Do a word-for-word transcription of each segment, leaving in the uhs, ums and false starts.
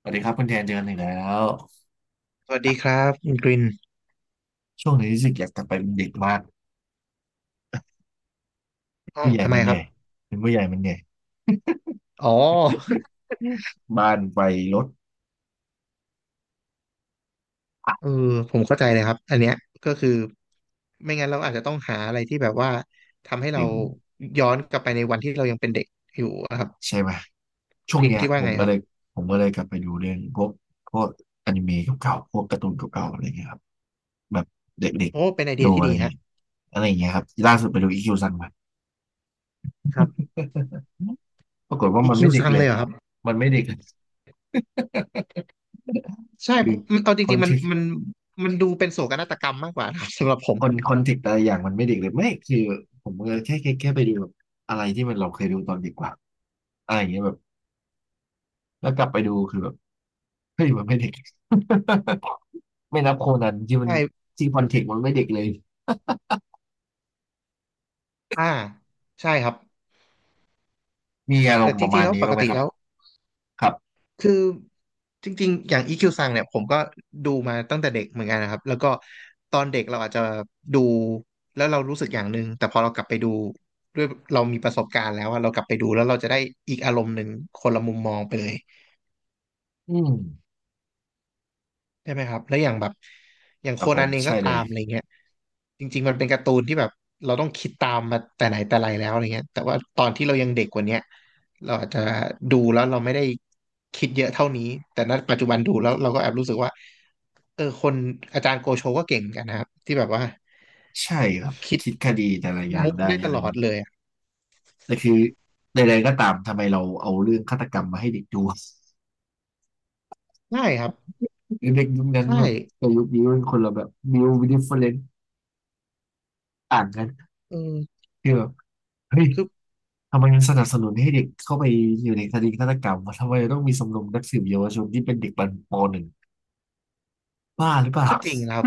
สวัสดีครับคุณแทนเจอกันอีกแล้วสวัสดีคอ่ะรับคุณกรินช่วงนี้รู้สึกอยากกลับไปเป็นเด็กมากอ๋อผู้ใหญ่ทำไมมันเหคนื่รัอบยเป็นผู้ใหญ่มันเหนื่อยอ๋อ บ้านไฟรถเออผมเข้าใจเลยครับอันเนี้ยก็คือไม่งั้นเราอาจจะต้องหาอะไรที่แบบว่าทำให้เราถึงย้อนกลับไปในวันที่เรายังเป็นเด็กอยู่อะครับใช่ไหมคุช่ณวกงรินเนี้ยคิดผว่ามไงก็ครัเลยบผมก็เลยกลับไปดูเรื่องพวกพวกอนิเมะเก่าๆพวกการ์ตูนเก่าๆอะไรเงี้ยครับแบบเด็กโอ้เป็นไอๆเดีดูยที่อะไรดีเงี้ฮะยอะไรอย่างเงี้ยครับล่าสุดไปดูอีคิวซังมาครับปรากฏว่าอีมันคิไม่วเด็กซังเลเลยยเหรอครับมันไม่เด็กเลยใช่เพคือราะมันเอาจคอรินงๆมัเทนกต์มันมันดูเป็นโศกนาฏกรรมมากกว่านะครับสำหรับผม คนคอนเทกต์อะไรอย่างมันไม่เด็กเลยไม่คือผมก็แค่แค่แค่ไปดูแบบอะไรที่มันเราเคยดูตอนเด็กกว่าอะไรอย่างเงี้ยแบบ แล้วกลับไปดูคือแบบเฮ้ยมันไม่เด็ก ไม่นับโคนันที่มันใช่ที่คอนเทกต์มันไม่เด็กเลยอ่าใช่ครับ มีอารแต่มณ์ปจระริมางๆณแล้วนี้ปบ้ากงไหมติครับแล้ว ครับคือจริงๆอย่าง อี คิว ซังเนี่ยผมก็ดูมาตั้งแต่เด็กเหมือนกันนะครับแล้วก็ตอนเด็กเราอาจจะดูแล้วเรารู้สึกอย่างหนึ่งแต่พอเรากลับไปดูด้วยเรามีประสบการณ์แล้วว่าเรากลับไปดูแล้วเราจะได้อีกอารมณ์หนึ่งคนละมุมมองไปเลยอืมได้ไหมครับแล้วอย่างแบบอย่างคโครับผนัมนเองใช่ก็เลตายมอะไรเงี้ยจริงๆมันเป็นการ์ตูนที่แบบเราต้องคิดตามมาแต่ไหนแต่ไรแล้วอะไรเงี้ยแต่ว่าตอนที่เรายังเด็กกว่าเนี้ยเราอาจจะดูแล้วเราไม่ได้คิดเยอะเท่านี้แต่ณปัจจุบันดูแล้วเราก็แอบรู้สึกว่า เออคนอาจารย์โกโชก็เก่งเหมือนกันนะครับที่แบบว่าใช่ครับคิดคิดคดีแต่ละอย่างมุกได้ได้ตอะไรอลย่าองดนี้เลยอะแต่คือใดๆก็ตามทำไมเราเอาเรื่องฆาตกรรมมาให้เด็กดู ใช่ครับเด็กยุคนั้นใช่แบบกับยุคนี้เป็นคนละแบบบิวดิฟเฟอเรนต์ต่างกันเออคือแบบเฮ้ยคือทำไมมันสนับสนุนให้เด็กเข้าไปอยู่ในคดีฆาตกรรมวะทำไมต้องมีสมรมนักสืบเยาวชนที่เป็นเด็กปปหนึ่งบ้าหรือเปล่าก็จริงนะครัคบ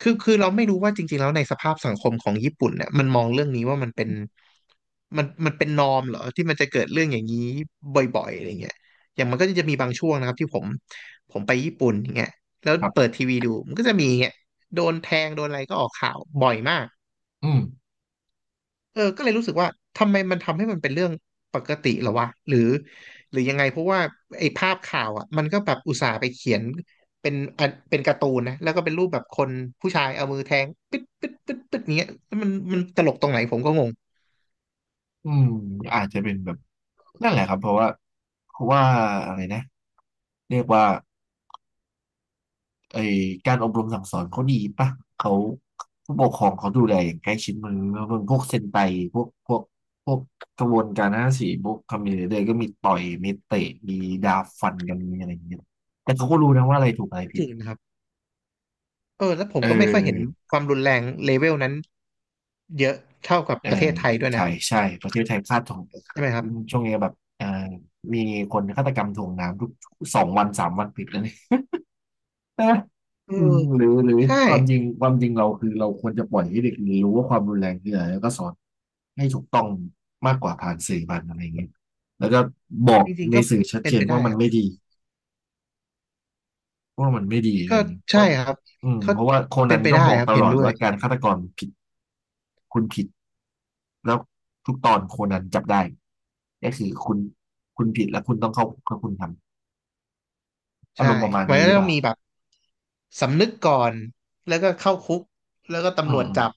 คือคือเราไม่รู้ว่าจริงๆแล้วในสภาพสังคมของญี่ปุ่นเนี่ยมันมองเรื่องนี้ว่ามันเป็นมันมันเป็นนอร์มเหรอที่มันจะเกิดเรื่องอย่างนี้บ่อยๆอะไรเงี้ยอย่างมันก็จะมีบางช่วงนะครับที่ผมผมไปญี่ปุ่นอย่างเงี้ยแล้วรับ เปิดทีวีดูมันก็จะมีเงี้ยโดนแทงโดนอะไรก็ออกข่าวบ่อยมาก อืมเออก็เลยรู้สึกว่าทำไมมันทำให้มันเป็นเรื่องปกติเหรอวะหรือหรือยังไงเพราะว่าไอ้ภาพข่าวอ่ะมันก็แบบอุตส่าห์ไปเขียนเป็นอันเป็นการ์ตูนนะแล้วก็เป็นรูปแบบคนผู้ชายเอามือแทงปึ๊ดปึ๊ดปึ๊ดปึ๊ดอย่างเงี้ยแล้วมันมันตลกตรงไหนผมก็งงอืมอาจจะเป็นแบบนั่นแหละครับเพราะว่าเพราะว่าอะไรนะเรียกว่าไอการอบรมสั่งสอนเขาดีปะเขาผู้ปกครองเขาดูแลอย่างใกล้ชิดมือแล้วพวกเซนไตพวกพวกพวกกระบวนการห้าสี่พวกคามิเนเดอร์ก็มีต่อยมีเตะมีดาบฟันกันมีอะไรอย่างเงี้ยแต่เขาก็รู้นะว่าอะไรถูกอะไรจผิดริงนะครับเออแล้วผมเอก็ไม่ค่อยเห็นอ ความรุนแรงเลเวลนั้นเยอะเท่ากับเออประเทศไทยด้วยใช่นะใช่ประเทศไทยพลาดทองใช่ไหมครัอืบมช่วงนี้แบบเออมีคนฆาตกรรมถ่วงน้ำทุกสองวันสามวันติดแล้วเนี่ย เออเอออืมหรือหรือใช่ความจริงความจริงเราคือเราควรจะปล่อยให้เด็กเรียนรู้ว่าความรุนแรงคืออะไรแล้วก็สอนให้ถูกต้องมากกว่าผ่านสื่อผ่านอะไรอย่างเงี้ยแล้วก็บอกจริงๆในก็สื่อชัดเป็เจนนไปว่าได้มัคนรัไม่บดีว่ามันไม่ดีอะไรก็อย่างเงี้ยก็ใช่ครับอืมเขาเพราะว่าโคเป็นันนไปก็ได้บอกครับตเห็ลนอดด้วย ว่าการฆาตกรผิดคุณผิด แล้วทุกตอนโคนันจับได้ก็คือคุณคุณผิดแล้วคุณต้องเข้าคุกถ้าคุณทำอาใช่รมณ์ประมาณมันนี้ก็หรือเปต้องล่ามีแบบสำนึกก่อนแล้วก็เข้าคุกแล้วก็อืตำรวจมจับ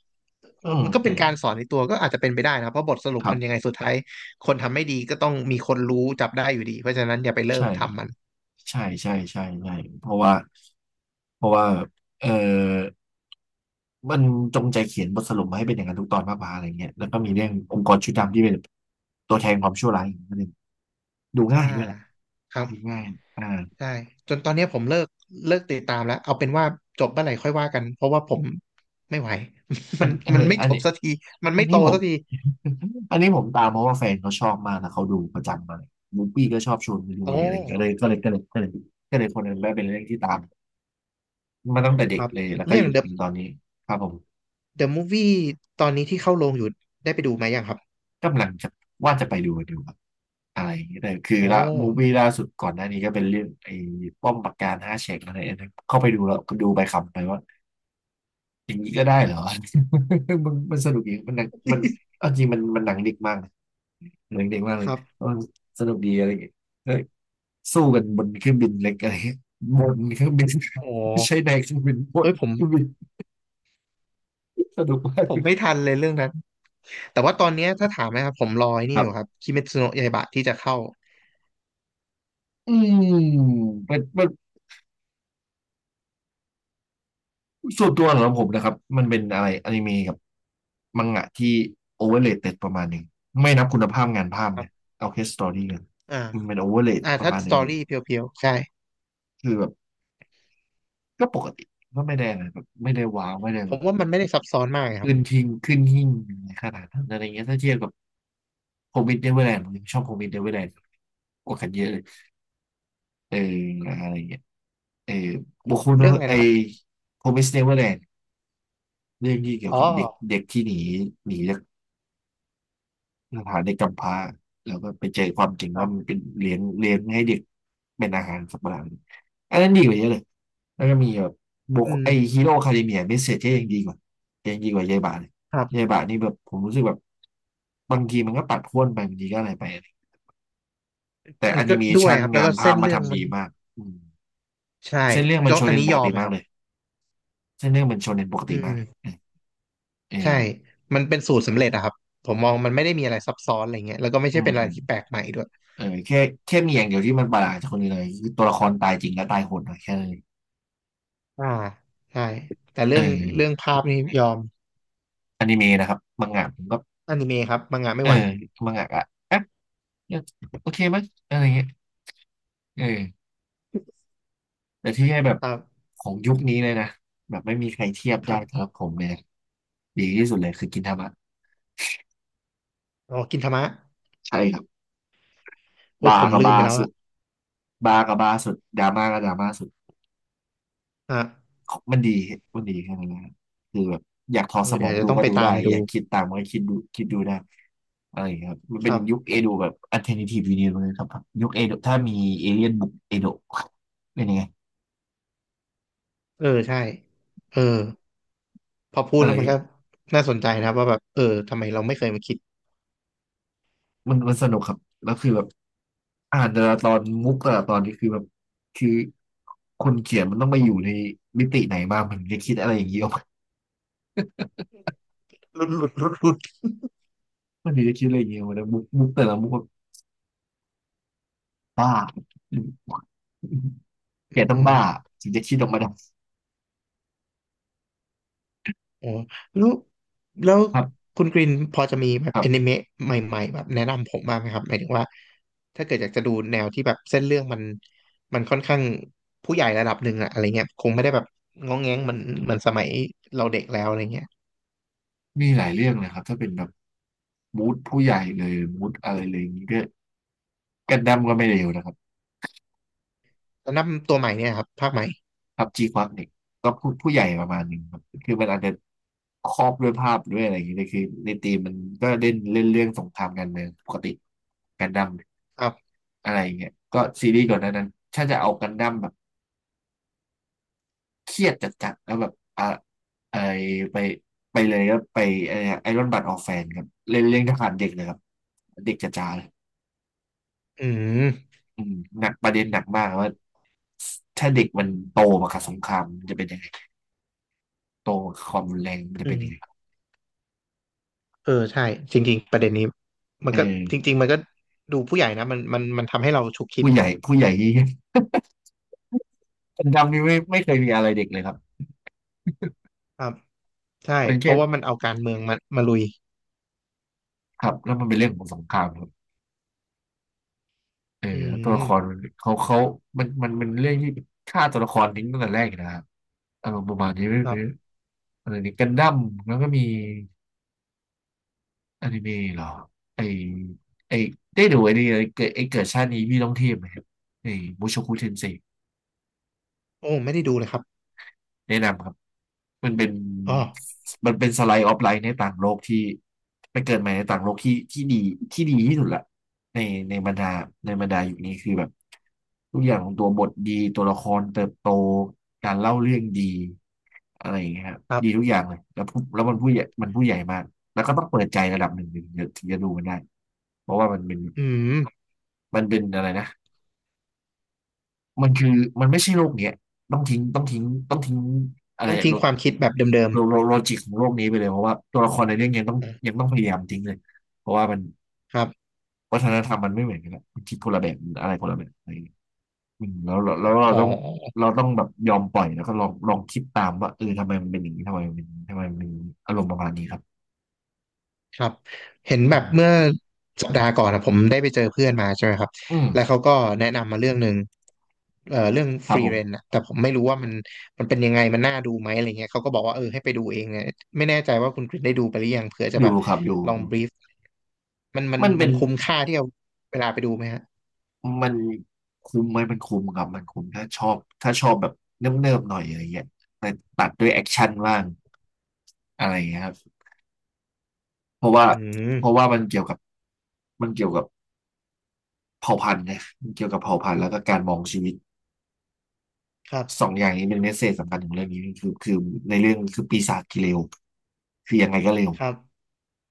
เออือมมันก็อืเป็นมการสอนในตัวก็อาจจะเป็นไปได้นะครับเพราะบทสรุปครัมันยังบไงสุดท้ายคนทำไม่ดีก็ต้องมีคนรู้จับได้อยู่ดีเพราะฉะนั้นอย่าไปเริ่ใช่มทำมันใช่ใช่ใช่ใช่เพราะว่าเพราะว่าเออมันจงใจเขียนบทสรุปมาให้เป็นอย่างนั้นทุกตอนมากกว่าอะไรเงี้ยแล้วก็มีเรื่ององค์กรชุดดำที่เป็นตัวแทนความชั่วร้ายอีกนิดนึงดูอ่าง่ายด้วยแหละครับดูง่ายอ่าใช่จนตอนนี้ผมเลิกเลิกติดตามแล้วเอาเป็นว่าจบเมื่อไหร่ค่อยว่ากันเพราะว่าผมไม่ไหว อัมันนเอมันอไม่อัจน บสักทีมันอัไม่นโตนี้ผม สักที อันนี้ผมตามเพราะว่าแฟนเขาชอบมากนะเขาดูประจำมาเลยมูฟี้ก็ชอบชวนไปดูโอเลยอะไรอย่างเงี้ยก็เลย้ก็เลยก็เลยก็เลยก็เลยคนนั้นได้เป็นเรื่องที่ตามมาตั้งแต่เด็คกรับเลยแล้วก็เรื่อหง ยุด The ถึงตอนนี้ครับผม The Movie ตอนนี้ที่เข้าโรงอยู่ได้ไปดูไหมยังครับ กำลังจะว่าจะไปดูดูครับอะไรอย่างเงี้ยแต่คืออ๋อละมูฟวี่ล่าสุดก่อนหน้านี้ก็เป็นเรื่องไอ้ป้อมปราการห้าแฉกอะไรอันนั้นเข้าไปดูแล้วก็ดูไปขำไปว่าอย่างนี้ก็ได้เหรอ มันมันสนุกดีมันหนังมันเอาจริงมันมันหนังเด็กมากนะหนังเด็กมากเลคยรับเออสนุกดีอะไรอย่างเงี้ย สู้กันบนเครื่องบินเล็กอะไรเงี้ยบนเครื่องบิน อ๋อ ไม่ใช่ในเครื่องบินบนเฮ้ยผมเครื่องบินสนุกมากผมไม่ทันเลยเรื่องนั้นแต่ว่าตอนเนี้ยถ้าถามนะครับผมรอไอ้คนี่รัอยู่คบรับคิเมทสึโนะยาอิบะที่จะเข้าอืมเป็นเป็นส่วนตัวของผมนะครับมันเป็นอะไรอนิเมะกับมังงะที่โอเวอร์เลเต็ดประมาณหนึ่งไม่นับคุณภาพงานภาพครันะบเอาแค่สตอรี่เลยอ่ามันเป็นโอเวอร์เลอ่าประถ้ามาณหสนึ่ตงอแบบรี่เพียวๆใช่คือแบบก็ปกติก็ไม่ได้อะไรแบบไม่ได้ว้าวไม่ได้ผแบมบว่ามันไม่ได้ซับซ้อนมากครัขึ้บนทิ้งขึ้นหิ้งขนาดนั้นอะไรเงี้ยถ้าเทียบกับโฮม e ดเ n เวอร์แลนด์ผมยังชอบโฮม e ดเ n เวอร์แลนด์กว่ากันเยอะเลย เอออะไรเงี้ยเอออ๋บุอคคลเรื่องอะไรไอนะครับโ m มิสเนเวอร์แลนด์เรื่องที่เกี่ยวอ๋อกับเด็กเด็กที่หนีหนีจากสถานเด็กกำพร้าแล้วก็ไปเจอความจริงครัว่ามันบเป็นเลี้ยงเลี้ยงให้เด็กเป็นอาหารสัตว์ประหลาดอันนั้นดีกว่าเยอะเลยแล้วก็มีแบบบุอืคไอมฮีโร่คาเดเมียเมสเซจยังดีกว่ายังดีกว่ายายบาเลยครัยายบบานี่แบบผมรู้สึกแบบบางทีมันก็ปัดพ่วนไปบางทีก็อะไรไปแต่มัแอนก็นิเมด้วยชันครับแล้วงาก็นภาเส้พนมาเรื่องทำมัดีนมากอืมใช่เส้นเรื่องมันต้อโชงอัเนนนนี้ปยกอมติไหมมาคกรับเลย เส้นเรื่องเป็นโชเน็นปกติอืมากมเอใช่อมันเป็นสูตรสำเร็จอะครับผมมองมันไม่ได้มีอะไรซับซ้อนอะไรเงี้ยแล้วก็ไม่อืใช่มเป็นอะอืไรมที่แปลกใหม่ด้วยเออแค่แค่มีอย่างเดียวที่มันประหลาดจากคนอื่นเลยคือตัวละครตายจริงและตายโหดหน่อยแค่นั้นเลยอ่าใช่ แต่เอเรื่อองเรื่องภาพนี่ยอม อนิเมะนะครับมังงะผมก็อนิเมะครับมังงะไม่เอไหวอมังงะอะเอ๊ะโอเคมั้ยอะไรเงี้ยเออแต่ที่ให้แบบครับของยุคนี้เลยนะแบบไม่มีใครเทียบคได้รัสำหบรับผมเลยนะดีที่สุดเลยคือกินทามะอ๋อกินทามะใช่ครับโอ้ยบาผมกับลืมบาไปแล้วสุอะดบากับบาสุดดราม่าก็ดราม่าสุด อ่ะของมันดีมันดีแค่นั้นนะคือแบบอยากถอเอดอสมเดี๋อยงวจะดูต้องก็ไปดูตาได้ มดูอยากคิดตามก็คิดดูคิดดูได้อะไรอย่างเงี้ยครับมันคเป็นรับยุคเอโดะแบบ alternative universe เลยครับยุคเอโดะถ้ามีเอเลี่ยนบุกเอโดะเป็นยังไงเออใช่เออพอพูดเออแล้วมันก็น่าสนใจนะว่าแบบเออทำไมเราไม่เคยมาคิดมันมันสนุกครับแล้วคือแบบอ่านแต่ละตอนมุกแต่ละตอนนี่คือแบบคือคนเขียนมันต้องไปอยู่ในมิติไหนบ้างมันถึงจะคิดอะไรอย่างเงี้ย ออกมาหลุดหลุดหลุดหลุดมันถึงจะคิดอะไรอย่างเงี้ยออกมาแล้วมุกมุกแต่ละมุกแบบบ้า แกต้องอืบ้าม ถึงจะคิดออกมาได้โอ้แล้วแล้วครับคุณกรินพอจะมีแบบครัอนิบ เมะใหม่ๆแบบแนะนำผมบ้างไหมครับหมายถึงว่าถ้าเกิดอยากจะดูแนวที่แบบเส้นเรื่องมันมันค่อนข้างผู้ใหญ่ระดับหนึ่งอะอะไรเงี้ยคงไม่ได้แบบง้องแง้งเหมันเหมันสมัยเราเด็กแล้วอะไรเงี้ยมีหลายเรื่องนะครับถ้าเป็นแบบมูดผู้ใหญ่เลยมูดอะไรเลยอย่างนี้ก็กันดั้มก็ไม่เลวนะครับแล้วนับตัวใหม่เนี่ยครับภาคใหม่พับจีควักเนี่ยก็พูดผู้ใหญ่ประมาณหนึ่งครับคือมันอาจจะครอบด้วยภาพด้วยอะไรอย่างนี้แต่คือในธีมมันก็เล่นเล่นเรื่องสงครามกันเมืองปกติกันดั้มครับอะไรอย่างเงี้ยก็ซีรีส์ก่อนหนานั้นถ้าจะเอากันดั้มแบบเครียดจัดๆแล้วแบบอ่ะไอไปไปเลยก็ไปไอรอนบัตออกแฟนครับเล่นเรื่องทหารเด็กเลยครับเด็กจ๋าๆเลย อืมอืมหนักประเด็นหนักมากว่าถ้าเด็กมันโตมากับสงครามมันจะเป็นยังไงโตมากับความรุนแรงมันจะอืเป็นยังไงมเออใช่จริงๆประเด็นนี้มันเอก็อจริงๆมันก็ดูผู้ใหญ่นะมันมันมันทำให้เราฉุกคิดผู้ใหญ่ผู้ใหญ่ที่คนดำนี่ไม่ไม่เคยมีอะไรเด็กเลยครับครับใช่เป็นเพแค่ราะว่ามันเอาการเมืองมามาลุยครับแล้วมันเป็นเรื่องของสงครามครับเอออืแล้วตัวละครมัมนเขาเขามันมันมันเรื่องที่ฆ่าตัวละครทิ้งตั้งแต่แรกอยู่นะครับอารมณ์ประมาณนี้หครัรืบ ออะไรนี่กันดั้มแล้วก็มีอนิเมะเหรอไอไอได้ดูไอนี่ไอเกิดไอเกิดชาตินี้พี่ต้องเทียบไหมครับไอบูโชคุเทนเซ โอ้ไม่ได้ดูเลยครับแนะนำครับมันเป็นอ๋อมันเป็นสไลด์ออฟไลน์ในต่างโลกที่ไปเกิดใหม่ในต่างโลกที่ที่ดีที่ดีที่สุดละในในบรรดาในบรรดาอยู่นี้คือแบบทุกอย่างของตัวบทดีตัวละครเติบโตการเล่าเรื่องดีอะไรอย่างเงี้ยครับครัดีทุกบอย่างเลยแล้วผู้แล้วมันผู้ใหญ่มันผู้ใหญ่มากแล้วก็ต้องเปิดใจระดับหนึ่งถึงจะถึงจะดูมันได้เพราะว่ามันเป็นอืมมันเป็นอะไรนะมันคือมันไม่ใช่โลกเนี้ยต้องทิ้งต้องทิ้งต้องทิ้งอะไรต้องทิ้ลงด ความคิดแบบเดิมโลโลโลจิกของโลกนี้ไปเลยเพราะว่าตัวละครในเรื่องยังต้องๆอ่ะยังต้องพยายามทิ้งเลยเพราะว่ามันครับวัฒนธรรมมันไม่เหมือนกันละมันคิดคนละแบบมันอะไรคนละแบบอะไรอย่างเงี้ยอืมแล้วแล้วแล้วเราอ๋ต้องอเราต้องแบบยอมปล่อยแล้วก็ลองลองคิดตามว่าเออทำไมมันเป็นอย่างนี้ทำไมมันเป็นทำไมมันมีอารมณ์ประมาณนี้ครับครับเห็นแบอืบเมื่อมสัปดาห์ก่อนนะผมได้ไปเจอเพื่อนมาใช่ไหมครับอืแล้วมเขาก็แนะนำมาเรื่องหนึ่งเอ่อเรื่องคฟรับรีผเรนมอะแต่ผมไม่รู้ว่ามันมันเป็นยังไงมันน่าดูไหมอะไรเงี้ยเขาก็บอกว่าเออให้ไปดูเองเนี่ยไม่แน่ใจว่าคุณกริชได้ดูไปหรือยังเผื่อจะแบดูบครับดูลองดูบรีฟมันมันมันเป็มันนคุ้มค่าที่เอาเวลาไปดูไหมฮะมันคุ้มไหมมันคุ้มครับมันคุ้มถ้าชอบถ้าชอบแบบเนิบๆหน่อยอะไรเงี้ยแต่ตัดด้วยแอคชั่นบ้างอะไรเงี้ยครับเพราะว่าอืมเพราะว่ามันเกี่ยวกับ มันเกี่ยวกับเผ่าพันธุ์นะมันเกี่ยวกับเผ่าพันธุ์แล้วก็การมองชีวิตครัสองบอย่างนี้เป็นเมสเซจสำคัญของเรื่องนี้คือคือในเรื่องคือปีศาจกิเลวคือยังไงก็เร็วครับ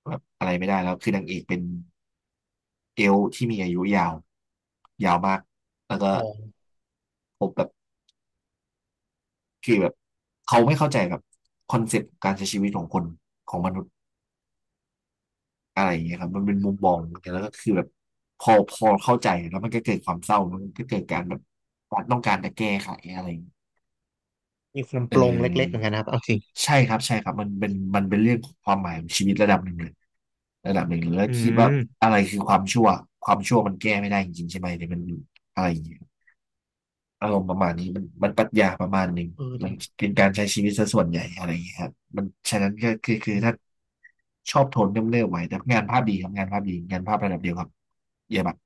แบบอะไรไม่ได้แล้วคือนางเอกเป็นเอลฟ์ที่มีอายุยาวยาวมากแล้วก็อ๋อ พบแบบคือแบบเขาไม่เข้าใจแบบคอนเซปต์การใช้ชีวิตของคนของมนุษย์อะไรอย่างเงี้ยครับมันเป็นมุมมองแล้วก็คือแบบพอพอเข้าใจแล้วมันก็เกิดความเศร้ามันก็เกิดการแบบต้องการจะแก้ไขอะไรอย่างเงี้ย มีความเอปลงเล็กๆเหมืออนกันนะครับเอาจิใช่ครับใช่ครับมันเป็นมันเป็นเรื่องของความหมายของชีวิตระดับหนึ่งเลยระดับหนึ่งเลยแล้วอืคิดว่ามอะไรคือความชั่วความชั่วมันแก้ไม่ได้จริงๆใช่ไหมหรือมันอะไรอย่างเงี้ยอารมณ์ประมาณนี้มันมันปรัชญาประมาณหนึ่งเออมัดินเป็นการใช้ชีวิตซะส่วนใหญ่อะไรอย่างเงี้ยครับมันฉะนั้นก็คือคืออถ้ามชอบโทนเนิบๆไว้แต่งานภาพดีครับงานภาพดีงานภาพระดับเดียวครับเยี่ยมมาก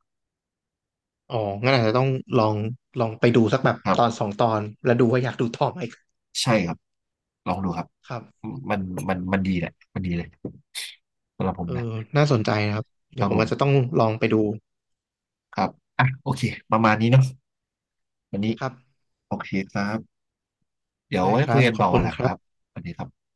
อ๋อ งั้นอาจจะต้องลองลองไปดูสักแบบครัตอนบสองตอนแล้วดูว่าอยากดูต่อไหมใช่ครับลองดูครับครับมันมันมันดีแหละมันดีเลยสำหรับผมเออนะน่าสนใจนะครับ คเดี๋ยรัวบผผมอาจจะต้ม องลองไปดูครับ อ่ะ โอเคประมาณนี้เนาะวันนี้ ครับโอเคครับ เดี๋ยวได้ไว้คคุรัยบ กันขอต่บอวัคุนณหลังคครัรับ บวันนี้ครับ